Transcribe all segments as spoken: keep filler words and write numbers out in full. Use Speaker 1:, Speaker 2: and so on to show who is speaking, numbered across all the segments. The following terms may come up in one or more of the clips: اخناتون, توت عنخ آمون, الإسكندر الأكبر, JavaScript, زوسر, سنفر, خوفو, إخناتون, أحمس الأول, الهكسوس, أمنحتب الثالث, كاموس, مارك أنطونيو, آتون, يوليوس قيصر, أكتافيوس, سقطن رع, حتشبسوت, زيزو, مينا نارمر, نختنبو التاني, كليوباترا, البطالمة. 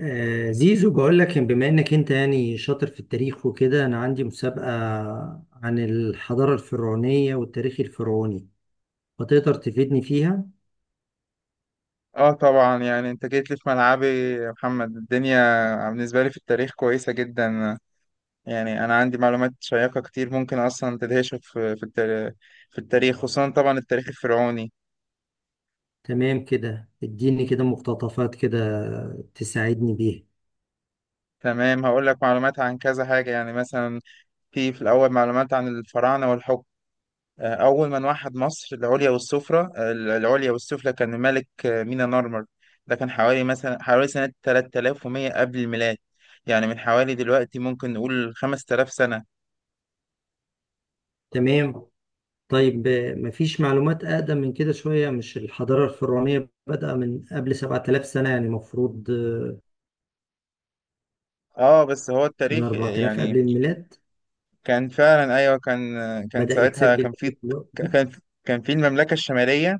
Speaker 1: آه، زيزو بقول لك إن بما انك انت يعني شاطر في التاريخ وكده، انا عندي مسابقة عن الحضارة الفرعونية والتاريخ الفرعوني، فتقدر تفيدني فيها؟
Speaker 2: اه، طبعا يعني انت جيت لي في ملعبي، يا محمد. الدنيا بالنسبة لي في التاريخ كويسة جدا. يعني انا عندي معلومات شيقة كتير ممكن اصلا تدهشك في في التاريخ في التاريخ، خصوصا طبعا التاريخ الفرعوني.
Speaker 1: تمام كده، اديني كده مقتطفات كده تساعدني بيها.
Speaker 2: تمام، هقول لك معلومات عن كذا حاجة، يعني مثلا في في الاول معلومات عن الفراعنة والحكم. آه، اول من وحد مصر العليا والسفرة آه، العليا والسفلى كان ملك آه، مينا نارمر. ده كان حوالي مثلا حوالي سنة تلاتة آلاف ومية قبل الميلاد. يعني من حوالي دلوقتي ممكن نقول خمست آلاف سنة.
Speaker 1: تمام. طيب، آه، مفيش معلومات اقدم من كده شوية؟ مش الحضارة الفرعونية بدأ من قبل سبعة آلاف سنة؟ يعني مفروض آه،
Speaker 2: اه، بس هو
Speaker 1: من
Speaker 2: التاريخ
Speaker 1: أربعة آلاف قبل
Speaker 2: يعني،
Speaker 1: الميلاد
Speaker 2: كان فعلا، ايوه، كان كان
Speaker 1: بدأ
Speaker 2: ساعتها
Speaker 1: يتسجل
Speaker 2: كان
Speaker 1: في
Speaker 2: في
Speaker 1: الوقت ده.
Speaker 2: كان كان في المملكه الشماليه،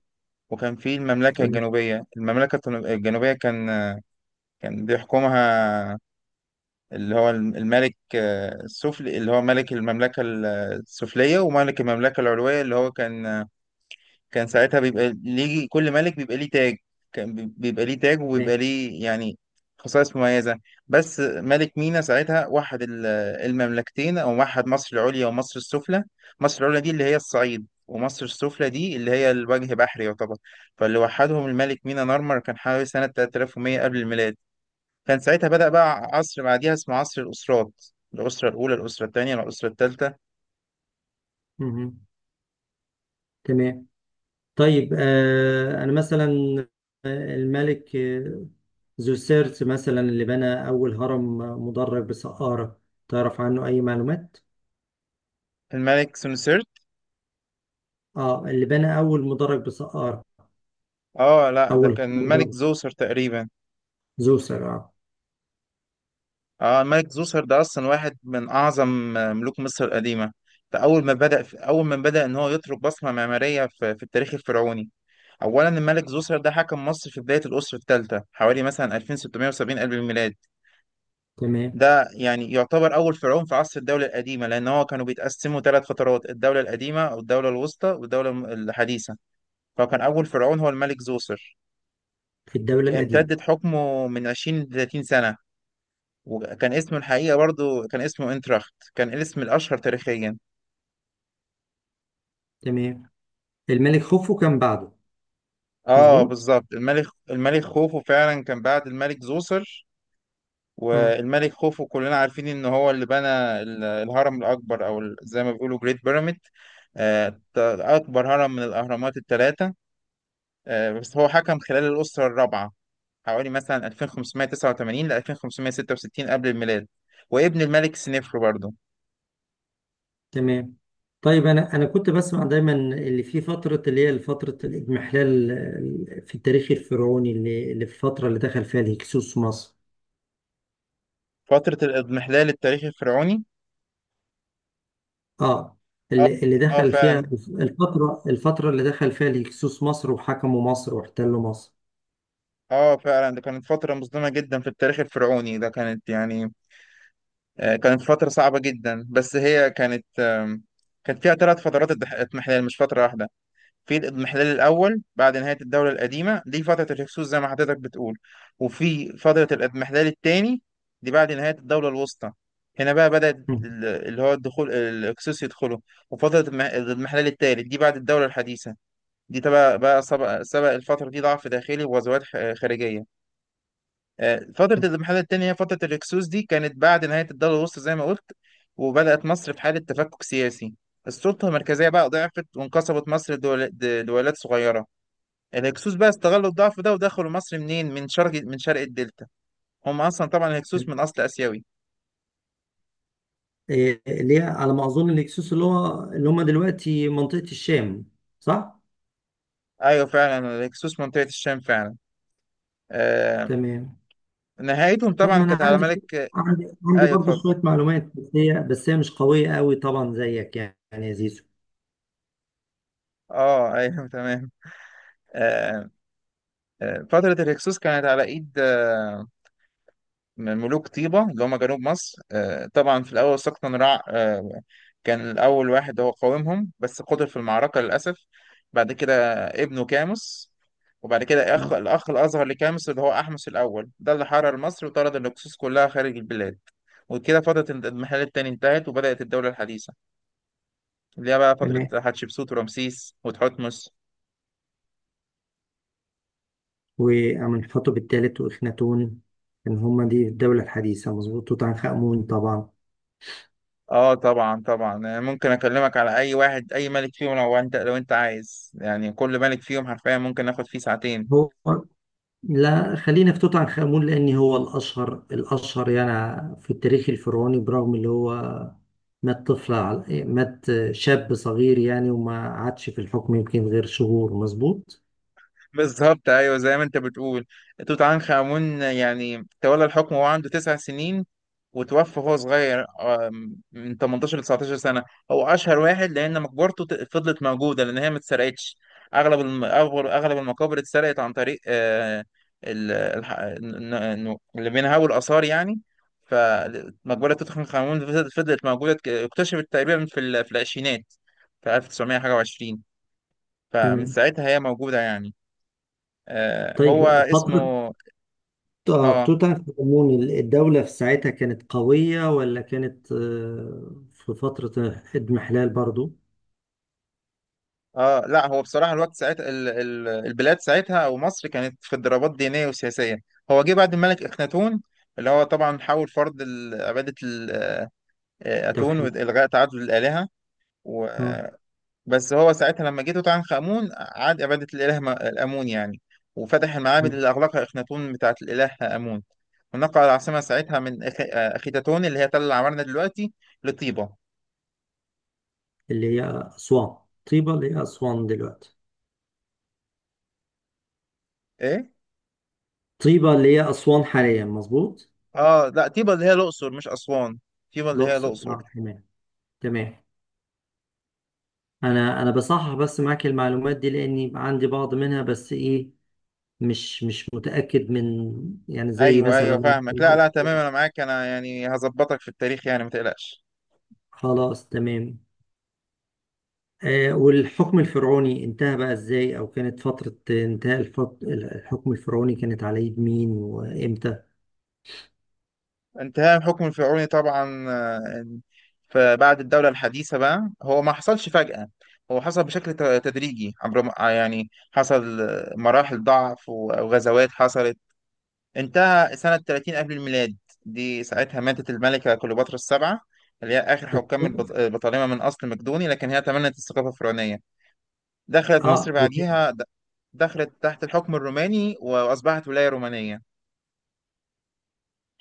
Speaker 2: وكان في المملكه
Speaker 1: تمام.
Speaker 2: الجنوبيه، المملكه التن- الجنوبيه كان. كان بيحكمها اللي هو الملك آه، السفلي، اللي هو ملك المملكه السفليه، وملك المملكه العلويه اللي هو كان. كان ساعتها بيبقى ليه، كل ملك بيبقى ليه تاج. كان بي- بيبقى ليه تاج،
Speaker 1: تمام.
Speaker 2: وبيبقى ليه يعني خصائص مميزة. بس ملك مينا ساعتها وحد ال- المملكتين، أو وحد مصر العليا ومصر السفلى. مصر العليا دي اللي هي الصعيد، ومصر السفلى دي اللي هي الوجه بحري يعتبر. فاللي وحدهم الملك مينا نارمر كان حوالي سنة تلاتة آلاف ومية قبل الميلاد. كان ساعتها بدأ بقى عصر بعديها اسمه عصر الأسرات: الأسرة الأولى، الأسرة الثانية، الأسرة الثالثة.
Speaker 1: مهم. تمام. طيب، آه، أنا مثلا، آه، الملك آه، زوسيرت مثلا اللي بنى أول هرم مدرج بسقارة، تعرف عنه أي معلومات؟
Speaker 2: الملك سونسيرت؟
Speaker 1: آه، اللي بنى أول مدرج بسقارة،
Speaker 2: اه لا، ده
Speaker 1: أول هرم
Speaker 2: كان الملك
Speaker 1: مدرج،
Speaker 2: زوسر تقريبا.
Speaker 1: زوسر، آه.
Speaker 2: اه، الملك زوسر ده اصلا واحد من اعظم آه، ملوك مصر القديمه. ده اول ما بدا اول ما بدا ان هو يترك بصمه معماريه في, في التاريخ الفرعوني. اولا، الملك زوسر ده حكم مصر في بدايه الاسره الثالثه، حوالي مثلا ألفين وستمية وسبعين قبل الميلاد.
Speaker 1: تمام.
Speaker 2: ده يعني يعتبر اول فرعون في عصر الدوله القديمه، لان هو كانوا بيتقسموا ثلاث فترات: الدوله القديمه، او الدوله الوسطى، والدوله الم- الحديثه. فكان اول فرعون هو الملك زوسر.
Speaker 1: في الدولة القديمة.
Speaker 2: امتدت حكمه من عشرين ل تلاتين سنه. وكان اسمه الحقيقة، برضو كان اسمه انتراخت، كان الاسم الأشهر تاريخيا.
Speaker 1: تمام. الملك خوفو كان بعده،
Speaker 2: اه،
Speaker 1: مظبوط؟
Speaker 2: بالظبط. الملك الملك خوفو فعلا كان بعد الملك زوسر.
Speaker 1: آه.
Speaker 2: والملك خوفو كلنا عارفين ان هو اللي بنى ال- الهرم الأكبر، او ال- زي ما بيقولوا جريت بيراميد. أكبر هرم من الأهرامات الثلاثة. آه، بس هو حكم خلال الأسرة الرابعة، حوالي مثلا ألفين وخمسمية وتسعة وتمانين ل ألفين وخمسمية وستة وستين قبل الميلاد، وابن الملك سنفر برضه.
Speaker 1: تمام. طيب، أنا أنا كنت بسمع دايما اللي في فترة، اللي هي فترة الإضمحلال، آه، في التاريخ الفرعوني، اللي اللي في الفترة اللي دخل فيها الهكسوس مصر.
Speaker 2: فترة الإضمحلال التاريخي الفرعوني.
Speaker 1: اه،
Speaker 2: اه،
Speaker 1: اللي اللي
Speaker 2: اه،
Speaker 1: دخل فيها،
Speaker 2: فعلا.
Speaker 1: الفترة الفترة اللي دخل فيها الهكسوس مصر، وحكموا مصر، واحتلوا مصر.
Speaker 2: اه فعلا، ده كانت فترة مظلمة جدا في التاريخ الفرعوني. ده كانت يعني، آه، كانت فترة صعبة جدا، بس هي كانت آم، كانت فيها ثلاث فترات اضح- اضمحلال، مش فترة واحدة. في الاضمحلال الأول، بعد نهاية الدولة القديمة، دي فترة الهكسوس زي ما حضرتك بتقول. وفي فترة الاضمحلال الثاني، دي بعد نهاية الدولة الوسطى. هنا بقى بدأت
Speaker 1: مم.
Speaker 2: ال- اللي هو الدخول، الهكسوس يدخلوا. وفترة الم- الاضمحلال الثالث دي بعد الدولة الحديثة. دي تبقى بقى سبق سبق الفترة دي ضعف داخلي وغزوات خ- خارجية. آه، فترة الانحلال التاني هي فترة الهكسوس، دي كانت بعد نهاية الدولة الوسطى زي ما قلت. وبدأت مصر في حالة تفكك سياسي. السلطة المركزية بقى ضعفت، وانقسمت مصر لدول- لدولات صغيرة. الهكسوس بقى استغلوا الضعف ده، ودخلوا مصر منين؟ من شرق من شرق الدلتا. هم أصلا طبعا الهكسوس من أصل آسيوي.
Speaker 1: إيه اللي هي على ما أظن الهكسوس، اللي هو اللي هم دلوقتي منطقة الشام، صح؟
Speaker 2: أيوة فعلا، الهكسوس منطقة الشام فعلا. آه
Speaker 1: تمام.
Speaker 2: نهايتهم
Speaker 1: طب
Speaker 2: طبعا
Speaker 1: ما أنا
Speaker 2: كانت على
Speaker 1: عندي شو...
Speaker 2: ملك.
Speaker 1: عندي عندي
Speaker 2: أيوة،
Speaker 1: برضه
Speaker 2: اتفضل.
Speaker 1: شوية معلومات، بس هي بس هي مش قوية قوي طبعا زيك، يعني يا زيزو.
Speaker 2: اه، ايوه. تمام. آه آه فترة الهكسوس كانت على ايد، آه، من ملوك طيبة اللي هم جنوب مصر. آه، طبعا في الأول سقطن رع، آه، كان الأول واحد هو قاومهم، بس قتل في المعركة للأسف. بعد كده ابنه كاموس. وبعد كده أخ الأخ الأصغر لكاموس، اللي هو أحمس الأول، ده اللي حرر مصر وطرد الهكسوس كلها خارج البلاد. وكده فترة الد- الانحلال التاني انتهت، وبدأت الدولة الحديثة، اللي هي بقى
Speaker 1: تمام.
Speaker 2: فترة حتشبسوت ورمسيس وتحتمس.
Speaker 1: وأمنحتب الثالث وإخناتون، إن هم دي الدولة الحديثة، مظبوط؟ توت عنخ آمون طبعا.
Speaker 2: اه طبعا، طبعا. يعني ممكن اكلمك على اي واحد، اي ملك فيهم، لو انت لو انت عايز. يعني كل ملك فيهم حرفيا ممكن ناخد فيه ساعتين.
Speaker 1: هو لا، خلينا في توت عنخ آمون، لأن هو الأشهر الأشهر يعني في التاريخ الفرعوني، برغم اللي هو مات طفل على- مات شاب صغير يعني، وما عادش في الحكم يمكن غير شهور، مظبوط.
Speaker 2: بالظبط، ايوه، زي ما انت بتقول. توت عنخ امون يعني تولى الحكم وهو عنده تسع سنين. وتوفى وهو صغير، آم، من تمانية عشر ل تسعة عشر سنة. هو أشهر واحد، لأن مقبرته ت- فضلت موجودة، لأن هي ما اتسرقتش. أغلب الم- أغلب أغلب المقابر اتسرقت عن طريق، آه، ال- الح- ن- ن- اللي بينهبوا الآثار يعني. فمقبرة توت عنخ آمون فضلت فضلت موجودة، ك- اكتشفت تقريبا في ال- في العشرينات في ألف وتسعمية حاجة وعشرين. فمن
Speaker 1: تمام.
Speaker 2: ساعتها هي موجودة يعني. آه، هو
Speaker 1: طيب، فترة
Speaker 2: اسمه،
Speaker 1: آه،
Speaker 2: اه،
Speaker 1: توت عنخ آمون، الدولة في ساعتها كانت قوية، ولا كانت آه، في فترة اضمحلال برضو؟
Speaker 2: اه، لا، هو بصراحه الوقت ساعتها، ال- ال- البلاد ساعتها ومصر كانت في اضطرابات دينيه وسياسيه. هو جه بعد الملك اخناتون، اللي هو طبعا حاول فرض ال- عباده ال- آه، آه، اتون
Speaker 1: توحيد.
Speaker 2: والغاء تعدد الالهه، و...
Speaker 1: آه.
Speaker 2: بس هو ساعتها لما جه توت عنخ امون، عاد عباده الاله م- امون يعني. وفتح المعابد اللي اغلقها اخناتون بتاعه الاله امون. ونقل العاصمه ساعتها من أخ... آه، اخيتاتون، اللي هي تل العمارنه دلوقتي، لطيبه.
Speaker 1: اللي هي أسوان. طيبة اللي هي أسوان دلوقتي.
Speaker 2: ايه،
Speaker 1: طيبة اللي هي أسوان حاليا، مظبوط.
Speaker 2: اه، لا، طيبه اللي هي الاقصر مش اسوان. طيبه اللي هي
Speaker 1: الأقصر،
Speaker 2: الاقصر.
Speaker 1: اه، تمام. تمام. انا انا بصحح بس معاك المعلومات دي، لاني عندي بعض منها، بس ايه، مش مش متأكد من، يعني، زي
Speaker 2: ايوه، ايوه،
Speaker 1: مثلا.
Speaker 2: فاهمك. لا، لا، تمام،
Speaker 1: الأقصر.
Speaker 2: انا معاك. انا يعني هظبطك في التاريخ يعني، ما تقلقش.
Speaker 1: خلاص، تمام. آه، والحكم الفرعوني انتهى بقى ازاي، او كانت فترة انتهاء الفط... الحكم الفرعوني كانت على يد مين وامتى؟
Speaker 2: انتهاء الحكم الفرعوني، طبعا. آه، فبعد الدولة الحديثة بقى، هو ما حصلش فجأة. هو حصل بشكل ت- تدريجي، عبر م- آه، يعني حصل آه، مراحل ضعف و- وغزوات حصلت. انتهى سنة تلاتين قبل الميلاد. دي ساعتها ماتت الملكة كليوباترا السبعة، اللي هي آخر
Speaker 1: بس-
Speaker 2: حكام البط- البطالمة من أصل مقدوني، لكن هي تمنت الثقافة الفرعونية. دخلت مصر
Speaker 1: اه،
Speaker 2: بعديها، د- دخلت تحت الحكم الروماني، وأصبحت ولاية رومانية.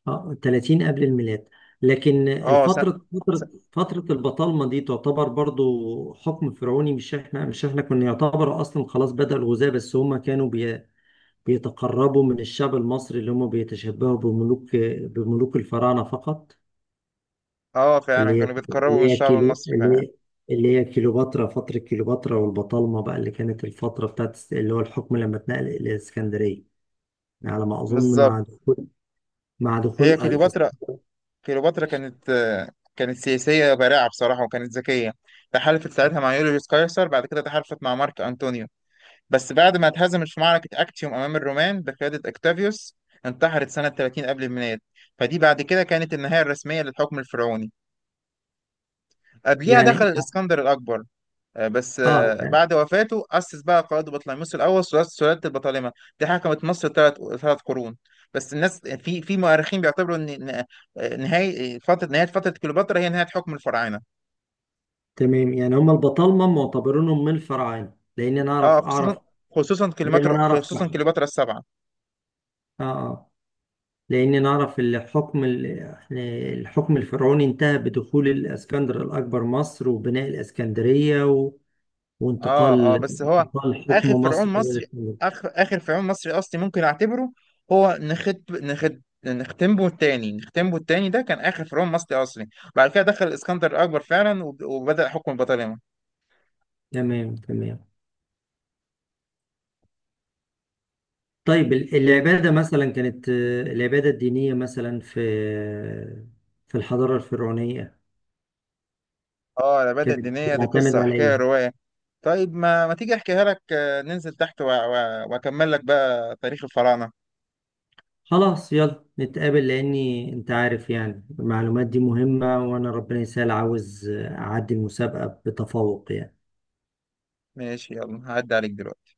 Speaker 1: اه، ثلاثين قبل الميلاد. لكن
Speaker 2: اه، سن...
Speaker 1: الفترة، فترة
Speaker 2: سن...
Speaker 1: فترة البطالمة دي تعتبر برضو حكم فرعوني. مش احنا مش احنا كنا يعتبر اصلا خلاص بدأ الغزاة، بس هما كانوا بي بيتقربوا من الشعب المصري، اللي هما بيتشبهوا بملوك بملوك الفراعنة فقط.
Speaker 2: اه فعلا،
Speaker 1: اللي هي
Speaker 2: كانوا بيتقربوا من
Speaker 1: اللي هي
Speaker 2: الشعب
Speaker 1: كيلو
Speaker 2: المصري
Speaker 1: اللي
Speaker 2: فعلا.
Speaker 1: هي اللي هي كيلوباترا، فترة كيلوباترا والبطالمة بقى، اللي كانت الفترة بتاعت اللي هو الحكم لما اتنقل إلى الإسكندرية، على ما أظن مع
Speaker 2: بالظبط.
Speaker 1: دخول مع دخول
Speaker 2: هي
Speaker 1: الأس-
Speaker 2: كليوباترا كليوباترا كانت، آه، كانت سياسية بارعة بصراحة، وكانت ذكية. تحالفت ساعتها مع يوليوس قيصر، بعد كده تحالفت مع مارك أنطونيو. بس بعد ما اتهزمت في معركة أكتيوم أمام الرومان بقيادة أكتافيوس، انتحرت سنة ثلاثين قبل الميلاد. فدي بعد كده كانت النهاية الرسمية للحكم الفرعوني. قبليها دخل
Speaker 1: يعني.
Speaker 2: الإسكندر الأكبر، آه، بس آه،
Speaker 1: اه،
Speaker 2: بعد وفاته، أسس بقى قائد بطليموس الأول سلالة سلالة البطالمة. دي حكمت مصر ثلاث ثلاث قرون. بس الناس، في في مؤرخين بيعتبروا إن، إن- آه، نهاية فترة نهاية فترة كليوباترا هي نهاية حكم الفراعنة.
Speaker 1: تمام، يعني هم البطالمة معتبرينهم من الفراعنة، لأن أنا
Speaker 2: اه،
Speaker 1: أعرف
Speaker 2: خصوصا
Speaker 1: أعرف
Speaker 2: خصوصا كليوباترا
Speaker 1: دايما أعرف،
Speaker 2: خصوصا
Speaker 1: آه،
Speaker 2: كليوباترا السبعة.
Speaker 1: آه. لأن أنا أعرف الحكم، ال- يعني الحكم الفرعوني انتهى بدخول الإسكندر الأكبر مصر، وبناء الإسكندرية، و...
Speaker 2: اه، اه.
Speaker 1: وانتقال
Speaker 2: بس هو
Speaker 1: انتقال حكم
Speaker 2: آخر فرعون
Speaker 1: مصر إلى
Speaker 2: مصري
Speaker 1: الإسكندرية.
Speaker 2: آخر آخر فرعون مصري أصلي ممكن أعتبره. هو نخت نخت نختنبو التاني نختنبو التاني، ده كان آخر فرعون مصري أصلي. بعد كده دخل الإسكندر الأكبر فعلا، وب- وبدأ حكم البطالمة.
Speaker 1: تمام. تمام. طيب، ال- العبادة مثلا كانت، آه، العبادة الدينية مثلا، في في الحضارة الفرعونية
Speaker 2: اه، العبادة
Speaker 1: كانت
Speaker 2: الدينية دي
Speaker 1: بتعتمد
Speaker 2: قصة
Speaker 1: على
Speaker 2: وحكاية
Speaker 1: إيه؟
Speaker 2: رواية. طيب، ما ما تيجي احكيها لك، آه، ننزل تحت و- و- واكمل لك بقى تاريخ الفراعنة.
Speaker 1: خلاص، يلا نتقابل، لاني انت عارف يعني المعلومات دي مهمة، وانا ربنا يسهل، عاوز اعدي المسابقة بتفوق، يعني.
Speaker 2: ماشي، يلا هعدي عليك دلوقتي.